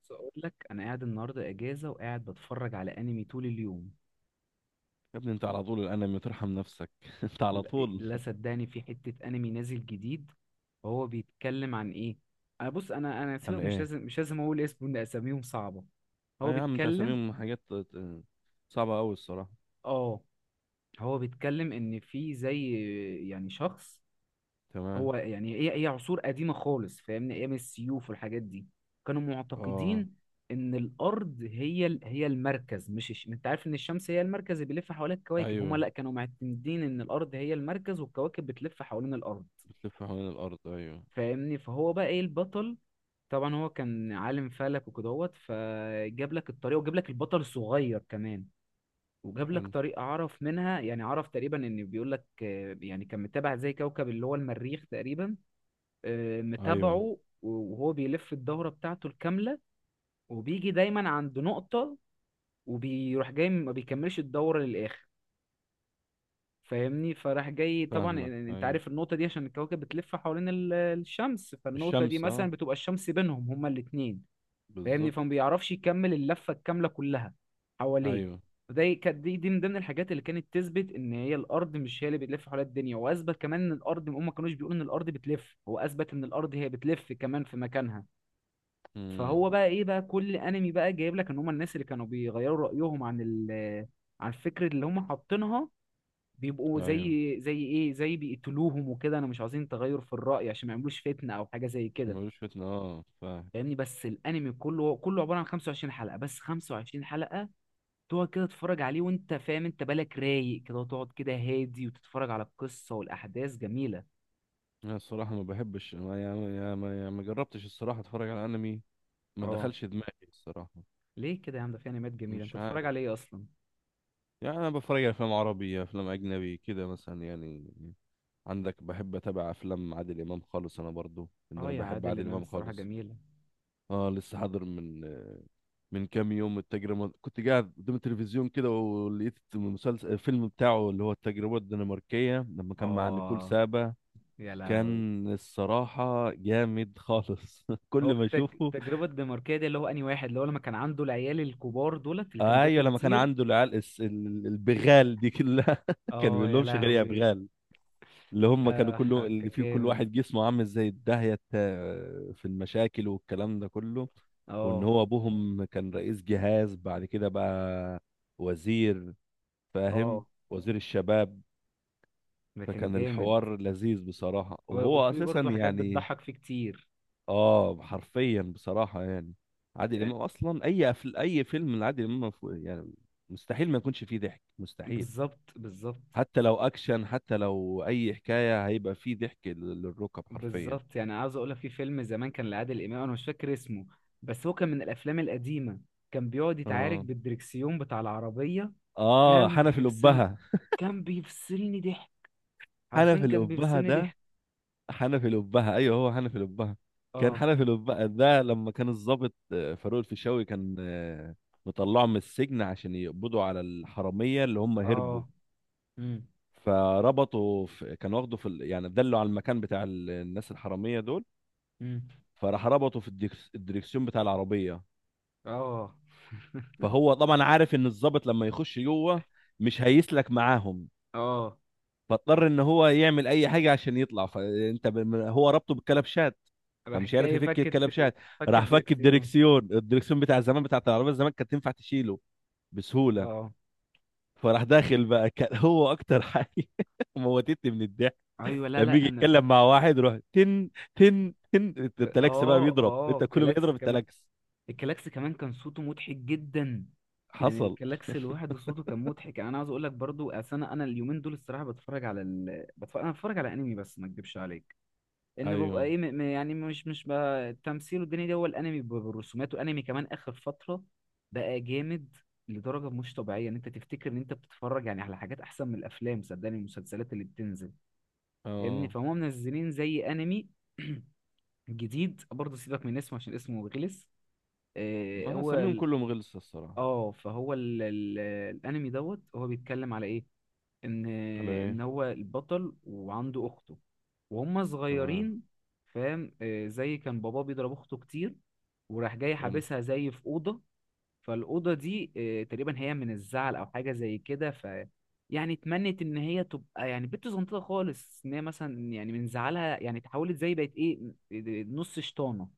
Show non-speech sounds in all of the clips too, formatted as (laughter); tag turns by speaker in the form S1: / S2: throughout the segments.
S1: بس اقول لك انا قاعد النهارده اجازه وقاعد بتفرج على انمي طول اليوم.
S2: يا ابني انت على طول الانمي، ترحم نفسك. (laughs) انت على
S1: لا،
S2: طول
S1: لا صدقني في حته انمي نازل جديد. وهو بيتكلم عن ايه؟ انا بص، انا سيبك،
S2: انا
S1: مش
S2: ايه.
S1: لازم مش لازم اقول اسمه، ان اساميهم صعبه. هو
S2: اي يا عم، انت
S1: بيتكلم.
S2: هسميهم حاجات صعبة قوي الصراحة.
S1: اه. هو بيتكلم ان في زي يعني شخص.
S2: تمام.
S1: هو يعني هي عصور قديمة خالص، فاهمني؟ ايام السيوف والحاجات دي كانوا
S2: اه.
S1: معتقدين ان الارض هي المركز، مش الش... انت عارف ان الشمس هي المركز اللي بيلف حوالين الكواكب؟ هما
S2: ايوه،
S1: لا، كانوا معتمدين ان الارض هي المركز والكواكب بتلف حوالين الارض.
S2: بتلف حوالين الارض. ايوه.
S1: فاهمني؟ فهو بقى ايه البطل؟ طبعا هو كان عالم فلك وكدهوت، فجاب لك الطريقة وجاب لك البطل الصغير كمان. وجاب لك
S2: حلو.
S1: طريقة عرف منها، يعني عرف تقريبا ان، بيقول لك يعني كان متابع زي كوكب اللي هو المريخ تقريبا.
S2: ايوه،
S1: متابعه وهو بيلف الدورة بتاعته الكاملة، وبيجي دايما عند نقطة وبيروح جاي، ما بيكملش الدورة للآخر. فاهمني؟ فراح جاي طبعا
S2: فاهمك
S1: انت
S2: ايوه.
S1: عارف النقطة دي؟ عشان الكواكب بتلف حوالين الشمس، فالنقطة دي
S2: الشمس، اه
S1: مثلا بتبقى الشمس بينهم هما الاتنين. فاهمني؟
S2: بالظبط.
S1: فما بيعرفش يكمل اللفة الكاملة كلها حواليه.
S2: ايوه.
S1: كانت دي من ضمن الحاجات اللي كانت تثبت ان هي الارض مش هي اللي بتلف حوالين الدنيا، واثبت كمان ان الارض، هم ما كانوش بيقولوا ان الارض بتلف، هو اثبت ان الارض هي بتلف كمان في مكانها. فهو
S2: امم.
S1: بقى ايه بقى؟ كل انمي بقى جايب لك ان هم الناس اللي كانوا بيغيروا رأيهم عن عن الفكرة اللي هم حاطينها، بيبقوا
S2: ايوه،
S1: زي زي ايه زي بيقتلوهم وكده، انا مش عايزين تغير في الرأي عشان ما يعملوش فتنة او حاجة زي
S2: عشان ما
S1: كده.
S2: يقولوش فتنة. اه فاهم.
S1: فاهمني؟ بس الانمي كله عبارة عن 25 حلقة بس، 25 حلقة تقعد كده تتفرج عليه، وانت فاهم، انت بالك رايق كده وتقعد كده هادي وتتفرج على القصة، والاحداث جميلة.
S2: انا الصراحة ما بحبش، ما جربتش الصراحة اتفرج على انمي. ما
S1: اه.
S2: دخلش دماغي الصراحة.
S1: ليه كده يا عم؟ ده في انميات جميلة، انت
S2: مش
S1: تتفرج
S2: عارف،
S1: على ايه اصلا؟
S2: يعني انا بتفرج على افلام عربي، افلام اجنبي كده مثلا. يعني عندك، بحب اتابع افلام عادل امام خالص. انا برضو ان
S1: اه،
S2: انا
S1: يا
S2: بحب
S1: عادل
S2: عادل
S1: امام
S2: امام
S1: الصراحة
S2: خالص.
S1: جميلة.
S2: اه لسه حاضر من كام يوم، التجربه كنت قاعد قدام التلفزيون كده، ولقيت المسلسل الفيلم بتاعه، اللي هو التجربه الدنماركيه لما كان مع نيكول
S1: اه،
S2: سابا.
S1: يا لهوي.
S2: كان الصراحة جامد خالص. (laughs)
S1: هو
S2: كل ما اشوفه
S1: التجربة الدنماركية دي، اللي هو أنهي واحد؟ اللي هو لما كان عنده العيال الكبار دولت اللي كانوا
S2: آه، ايوه،
S1: بياكلوا
S2: لما كان
S1: كتير.
S2: عنده العيال البغال دي كلها. (laughs) كان
S1: اه،
S2: بيقول
S1: يا
S2: لهمش غير يا
S1: لهوي.
S2: بغال. اللي هم كانوا كله اللي
S1: كان
S2: فيه كل
S1: جامد.
S2: واحد جسمه عامل زي الداهية في المشاكل والكلام ده كله. وان
S1: اه.
S2: هو ابوهم كان رئيس جهاز، بعد كده بقى وزير. فاهم،
S1: اه.
S2: وزير الشباب.
S1: ده كان
S2: فكان
S1: جامد.
S2: الحوار لذيذ بصراحة،
S1: و
S2: وهو
S1: وفي
S2: اساسا
S1: برضه حاجات
S2: يعني
S1: بتضحك فيه كتير.
S2: اه حرفيا بصراحة يعني. عادل
S1: يعني.
S2: امام اصلا اي اي فيلم لعادل امام يعني مستحيل ما يكونش فيه ضحك، مستحيل.
S1: بالظبط، بالظبط.
S2: حتى لو اكشن، حتى لو اي حكاية، هيبقى فيه ضحك للركب حرفيا.
S1: بالظبط. يعني عاوز اقول لك، في فيلم زمان كان لعادل امام، انا مش فاكر اسمه، بس هو كان من الافلام القديمه. كان بيقعد يتعارك
S2: اه
S1: بالدركسيون بتاع العربيه.
S2: اه
S1: كان
S2: حنفي
S1: بيفصل،
S2: الأبهة.
S1: كان بيفصلني ضحك.
S2: حنفي
S1: عارفين؟ كان
S2: الأبهة
S1: بيفصلني
S2: ده،
S1: ضحك.
S2: حنفي الأبهة أيوه، هو حنفي الأبهة. كان
S1: اه.
S2: حنفي الأبهة ده لما كان الضابط فاروق الفيشاوي، كان مطلعه من السجن عشان يقبضوا على الحرامية اللي هم هربوا.
S1: اه. امم.
S2: فربطوا في، كان واخده في يعني دلوا على المكان بتاع الناس الحرامية دول.
S1: امم.
S2: فراح ربطه في الدريكسيون بتاع العربية.
S1: اه.
S2: فهو طبعا عارف إن الضابط لما يخش جوه مش هيسلك معاهم.
S1: اه.
S2: فاضطر ان هو يعمل اي حاجه عشان يطلع. فانت هو ربطه بالكلبشات.
S1: راح
S2: فمش عارف
S1: جاي
S2: يفك
S1: فكت،
S2: الكلبشات.
S1: فكت
S2: راح فك
S1: دريكسيون.
S2: الدركسيون. الدركسيون بتاع زمان بتاع العربيه زمان كانت تنفع تشيله بسهوله.
S1: اه.
S2: فراح داخل بقى، كان (laughs) هو اكتر حاجه (laughs) موتتني من الضحك.
S1: ايوه. لا،
S2: لما يجي
S1: لا، انا
S2: يتكلم مع واحد، يروح تن تن تن. التلاكس بقى
S1: اه،
S2: بيضرب،
S1: اه،
S2: انت كله
S1: الكلاكس
S2: بيضرب
S1: كمان.
S2: التلاكس.
S1: الكلاكس كمان كان صوته مضحك جدا. يعني
S2: حصل.
S1: الكلاكس لوحده صوته كان مضحك. يعني انا عاوز اقول لك برضو، أصل انا اليومين دول الصراحه بتفرج على انا بتفرج على انمي، بس ما اكدبش عليك ان
S2: ايوه.
S1: ببقى ايه يعني مش بقى التمثيل والدنيا دي، هو الانمي بالرسومات، والانمي كمان اخر فتره بقى جامد لدرجه مش طبيعيه، ان انت تفتكر ان انت بتتفرج يعني على حاجات احسن من الافلام، صدقني المسلسلات اللي بتنزل. فاهمني؟
S2: اه
S1: فهم منزلين زي انمي (clears throat) جديد برضه، سيبك من اسمه عشان اسمه غلس.
S2: ما
S1: هو
S2: هسميهم كلهم غلسة الصراحة.
S1: اه، فهو الانمي دوت هو بيتكلم على ايه؟ ان
S2: ولا
S1: ان
S2: ايه؟
S1: هو البطل وعنده اخته وهم
S2: تمام.
S1: صغيرين، فاهم؟ زي كان باباه بيضرب اخته كتير، وراح جاي
S2: حلو.
S1: حابسها زي في اوضه. فالاوضه دي تقريبا هي من الزعل او حاجه زي كده، ف يعني اتمنت ان هي تبقى يعني بنت صغنطه خالص، ان هي مثلا يعني من زعلها يعني اتحولت زي بقت ايه، نص شطانه.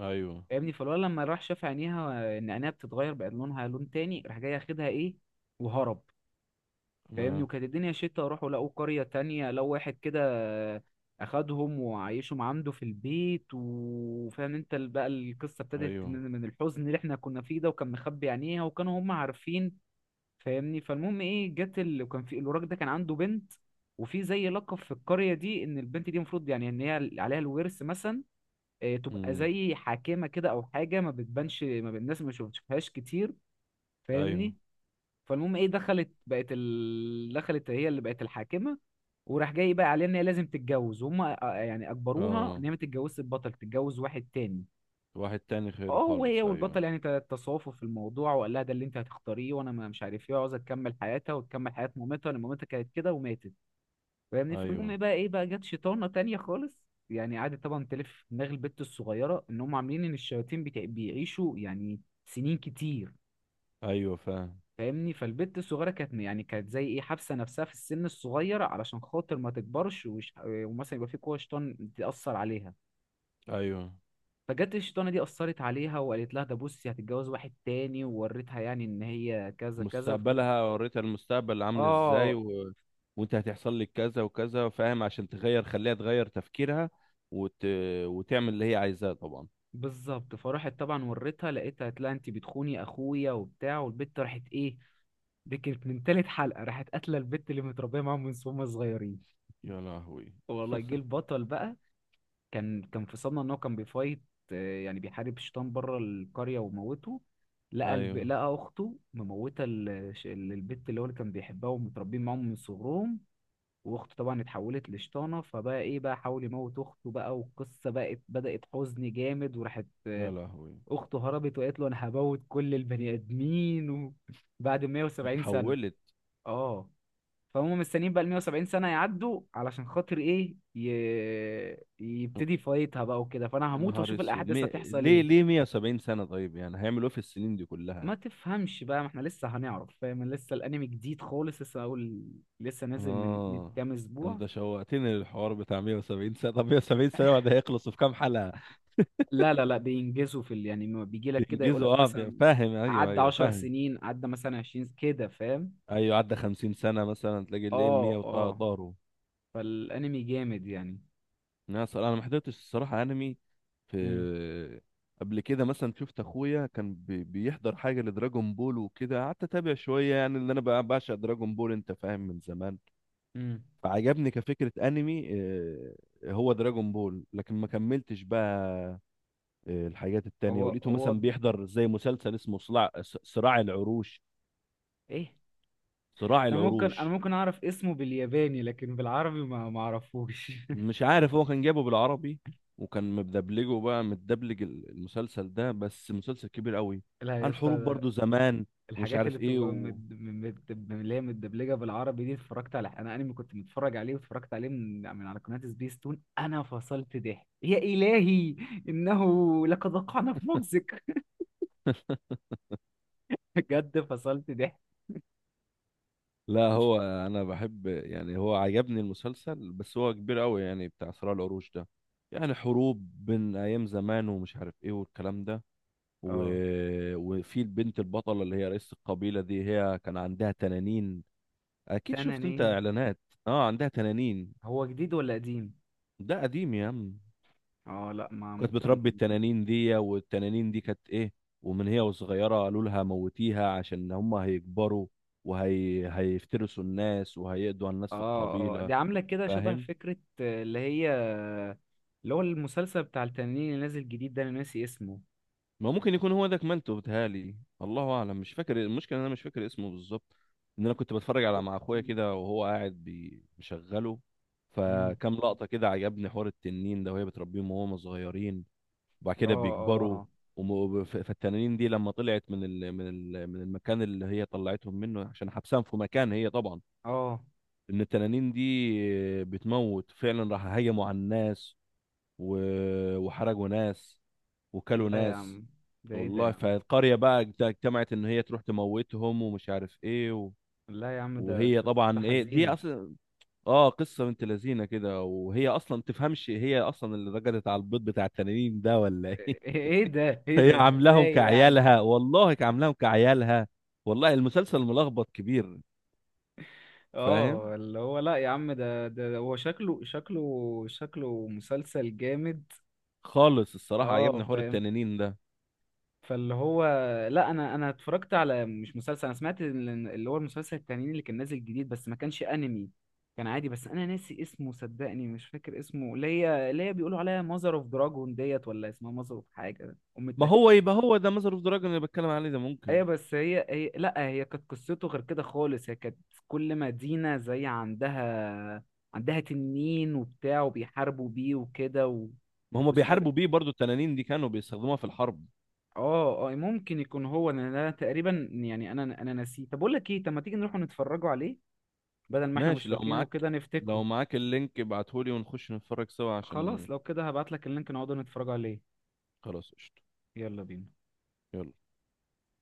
S2: ايوه.
S1: فاهمني؟ فالولد لما راح شاف عينيها ان عينيها بتتغير بقت لونها لون تاني، راح جاي ياخدها ايه، وهرب. فاهمني؟
S2: تمام.
S1: وكانت الدنيا شتا، راحوا لقوا قرية تانية لو واحد كده أخدهم وعايشهم عنده في البيت. وفاهم انت بقى القصة ابتدت
S2: ايوه.
S1: من من الحزن اللي احنا كنا فيه ده، وكان مخبي عينيها وكانوا هم عارفين. فاهمني؟ فالمهم ايه، جت كان في الوراق ده كان عنده بنت، وفي زي لقب في القرية دي، ان البنت دي المفروض يعني ان هي عليها الورث مثلا، اه، تبقى
S2: مم.
S1: زي حاكمة كده او حاجة، ما بتبانش، ما بت- الناس ما بتشوفهاش كتير.
S2: ايوه.
S1: فاهمني؟ فالمهم ايه، دخلت بقت دخلت هي اللي بقت الحاكمه، وراح جاي بقى عليها ان هي لازم تتجوز، وهم يعني اجبروها
S2: اه.
S1: ان هي ما تتجوزش البطل، تتجوز واحد تاني.
S2: واحد تاني خيره
S1: اه،
S2: خالص
S1: وهي
S2: ايوه.
S1: والبطل يعني تصافوا في الموضوع، وقال لها ده اللي انت هتختاريه، وانا مش عارف ايه، عاوزه تكمل حياتها وتكمل حياه مامتها لان مامتها كانت كده وماتت. فاهمني؟ فالمهم
S2: ايوه
S1: إيه بقى، ايه بقى، جت شيطانه تانية خالص يعني، قعدت طبعا تلف في دماغ البت الصغيره، ان هم عاملين ان الشياطين بيعيشوا يعني سنين كتير.
S2: ايوه فاهم.
S1: فاهمني؟ فالبت الصغيره كانت يعني كانت زي ايه، حابسه نفسها في السن الصغير علشان خاطر ما تكبرش، ومثلا يبقى في قوه شيطان تاثر عليها.
S2: ايوه،
S1: فجت الشيطانه دي اثرت عليها، وقالت لها ده بصي، هتتجوز واحد تاني، ووريتها يعني ان هي كذا كذا ف
S2: مستقبلها، وريتها المستقبل عامل ازاي
S1: اه.
S2: و... وانت هتحصل لك كذا وكذا، فاهم؟ عشان تغير، خليها تغير تفكيرها وت... وتعمل اللي هي عايزاه طبعا.
S1: بالظبط. فراحت طبعا وريتها، لقيتها قالت لها انت بتخوني اخويا وبتاع، والبت راحت ايه، دي كانت من تالت حلقه، راحت قاتله البت اللي متربيه معاهم من وهم صغيرين.
S2: يا لهوي.
S1: والله. جه البطل بقى، كان كان في صدمه ان هو كان بيفايت، يعني بيحارب شيطان بره القريه وموته، لقى
S2: ايوه.
S1: لقى اخته مموته البت اللي هو اللي كان بيحبها ومتربين معاهم من صغرهم. واخته طبعا اتحولت لشيطانه، فبقى ايه بقى، حاول يموت اخته بقى، والقصه بقت بدات حزن جامد، وراحت
S2: يا لهوي.
S1: اخته هربت وقالت له انا هموت كل البني ادمين و (laughs) بعد 170 سنه.
S2: اتحولت.
S1: اه. فهم مستنيين بقى ال 170 سنة يعدوا علشان خاطر ايه يبتدي فايتها بقى وكده، فانا
S2: يا
S1: هموت
S2: نهار
S1: واشوف
S2: اسود
S1: الاحداث هتحصل
S2: ليه
S1: ايه.
S2: ليه 170 سنة؟ طيب يعني هيعملوا ايه في السنين دي
S1: ما
S2: كلها؟
S1: تفهمش بقى، ما احنا لسه هنعرف، فاهم؟ لسه الانمي جديد خالص، لسه اقول، لسه نازل من من
S2: اه
S1: كام اسبوع.
S2: انت شوقتني للحوار بتاع 170 سنة. طب 170 سنة بعد هيخلصوا في كام حلقة؟
S1: لا، بينجزوا في يعني ما بيجي لك كده يقول لك
S2: بينجزوا اه
S1: مثلا
S2: فاهم ايوه
S1: عدى
S2: ايوه
S1: 10
S2: فاهم.
S1: سنين، عدى مثلا 20 كده، فاهم؟
S2: ايوه، عدى 50 سنة مثلا تلاقي الليل 100
S1: اه. اه.
S2: وطاروا.
S1: فالانمي جامد يعني.
S2: انا صراحة، انا ما حضرتش الصراحة انمي.
S1: امم.
S2: في قبل كده مثلا شفت اخويا كان بيحضر حاجة لدراجون بول وكده، قعدت اتابع شوية، يعني ان انا بقى بعشق دراجون بول انت فاهم من زمان.
S1: امم.
S2: فعجبني كفكرة انمي هو دراجون بول، لكن ما كملتش بقى الحاجات التانية.
S1: هو
S2: ولقيته
S1: هو.
S2: مثلا بيحضر زي مسلسل اسمه صراع، صراع العروش.
S1: ايه؟
S2: صراع
S1: انا ممكن انا
S2: العروش.
S1: ممكن اعرف اسمه بالياباني، لكن بالعربي ما اعرفوش (laughs)
S2: مش عارف، هو كان جايبه بالعربي، وكان مدبلجه بقى، متدبلج المسلسل ده. بس مسلسل كبير قوي،
S1: لا يا
S2: عن حروب
S1: اسطى،
S2: برضو زمان ومش
S1: الحاجات
S2: عارف
S1: اللي
S2: ايه
S1: بتبقى
S2: و...
S1: اللي هي متدبلجه بالعربي دي، اتفرجت على انا انمي كنت متفرج عليه واتفرجت عليه من على قناه سبيس تون، انا فصلت ضحك يا الهي. انه لقد وقعنا في مجزك.
S2: (laughs)
S1: (laughs) بجد فصلت ضحك.
S2: لا، هو انا بحب يعني، هو عجبني المسلسل بس هو كبير قوي يعني، بتاع صراع العروش ده. يعني حروب بين ايام زمان ومش عارف ايه والكلام ده و...
S1: اه.
S2: وفي البنت البطلة، اللي هي رئيس القبيلة دي، هي كان عندها تنانين. أكيد شفت أنت
S1: تنانين.
S2: إعلانات. أه عندها تنانين.
S1: هو جديد ولا قديم؟
S2: ده قديم يا عم.
S1: اه، لا ما
S2: كانت
S1: ممكن.
S2: بتربي التنانين دي، والتنانين دي كانت إيه، ومن هي وصغيرة قالوا لها موتيها، عشان هما هيكبروا وهي هيفترسوا الناس وهيقضوا على الناس في
S1: اه. اه.
S2: القبيلة.
S1: دي عاملة كده شبه
S2: فاهم.
S1: فكرة اللي هي، اللي هو المسلسل بتاع التنين اللي نازل جديد ده، انا ناسي اسمه.
S2: ما ممكن يكون هو ده كمانتو بتهالي. الله اعلم، مش فاكر. المشكله إن انا مش فاكر اسمه بالظبط، ان انا كنت بتفرج على،
S1: هو-
S2: مع اخويا كده وهو قاعد مشغله.
S1: مم.
S2: فكام لقطه كده عجبني حوار التنين ده، وهي بتربيهم وهم صغيرين، وبعد
S1: اه.
S2: كده بيكبروا.
S1: اه.
S2: فالتنانين دي لما طلعت من المكان اللي هي طلعتهم منه عشان حبسهم في مكان، هي طبعا
S1: اه. آه.
S2: ان التنانين دي بتموت فعلا، راح هجموا على الناس، و- وحرقوا ناس، وكلوا
S1: لا يا
S2: ناس.
S1: عم، ده ايه ده
S2: والله.
S1: يا عم.
S2: فالقرية بقى اجتمعت ان هي تروح تموتهم ومش عارف ايه و...
S1: لا يا عم، ده
S2: وهي
S1: قصة
S2: طبعا ايه دي
S1: حزينة.
S2: اصلا. اه قصة بنت لذينة كده، وهي اصلا تفهمش، هي اصلا اللي رقدت على البيض بتاع التنانين ده ولا ايه؟
S1: ايه إيه
S2: (laughs)
S1: ده، ايه
S2: هي
S1: ده
S2: عاملاهم
S1: ازاي يعني؟
S2: كعيالها، والله عاملاهم كعيالها. والله المسلسل ملخبط كبير. فاهم.
S1: اه، اللي هو، لا يا عم، ده ده هو شكله مسلسل جامد.
S2: خالص الصراحة
S1: اه،
S2: عجبني حوار
S1: فاهم.
S2: التنانين ده.
S1: فاللي هو، لا انا اتفرجت على مش مسلسل، انا سمعت اللي هو المسلسل التاني اللي كان نازل جديد، بس ما كانش انمي، كان عادي، بس انا ناسي اسمه صدقني، مش فاكر اسمه، اللي هي اللي هي بيقولوا عليها ماذر اوف دراجون ديت، ولا اسمها ماذر اوف حاجه ام
S2: ما
S1: التاني.
S2: هو يبقى هو ده ماذر اوف دراجون اللي بتكلم عليه ده، ممكن.
S1: ايوه، بس هي لا، هي كانت قصته غير كده خالص، هي كانت كل مدينه زي عندها، عندها تنين وبتاع وبيحاربوا بيه وكده و
S2: ما هم بيحاربوا بيه برضو، التنانين دي كانوا بيستخدموها في الحرب.
S1: اه. اه، ممكن يكون هو، لأن انا تقريبا يعني انا نسيه. طب اقول لك ايه، طب ما تيجي نروح نتفرجوا عليه بدل ما احنا مش
S2: ماشي لو
S1: فاكرينه
S2: معاك
S1: كده،
S2: لو
S1: نفتكره.
S2: معاك اللينك ابعتهولي ونخش نتفرج سوا عشان.
S1: خلاص، لو كده هبعت لك اللينك نقعد نتفرجوا عليه.
S2: خلاص قشطة.
S1: يلا بينا.
S2: يلا.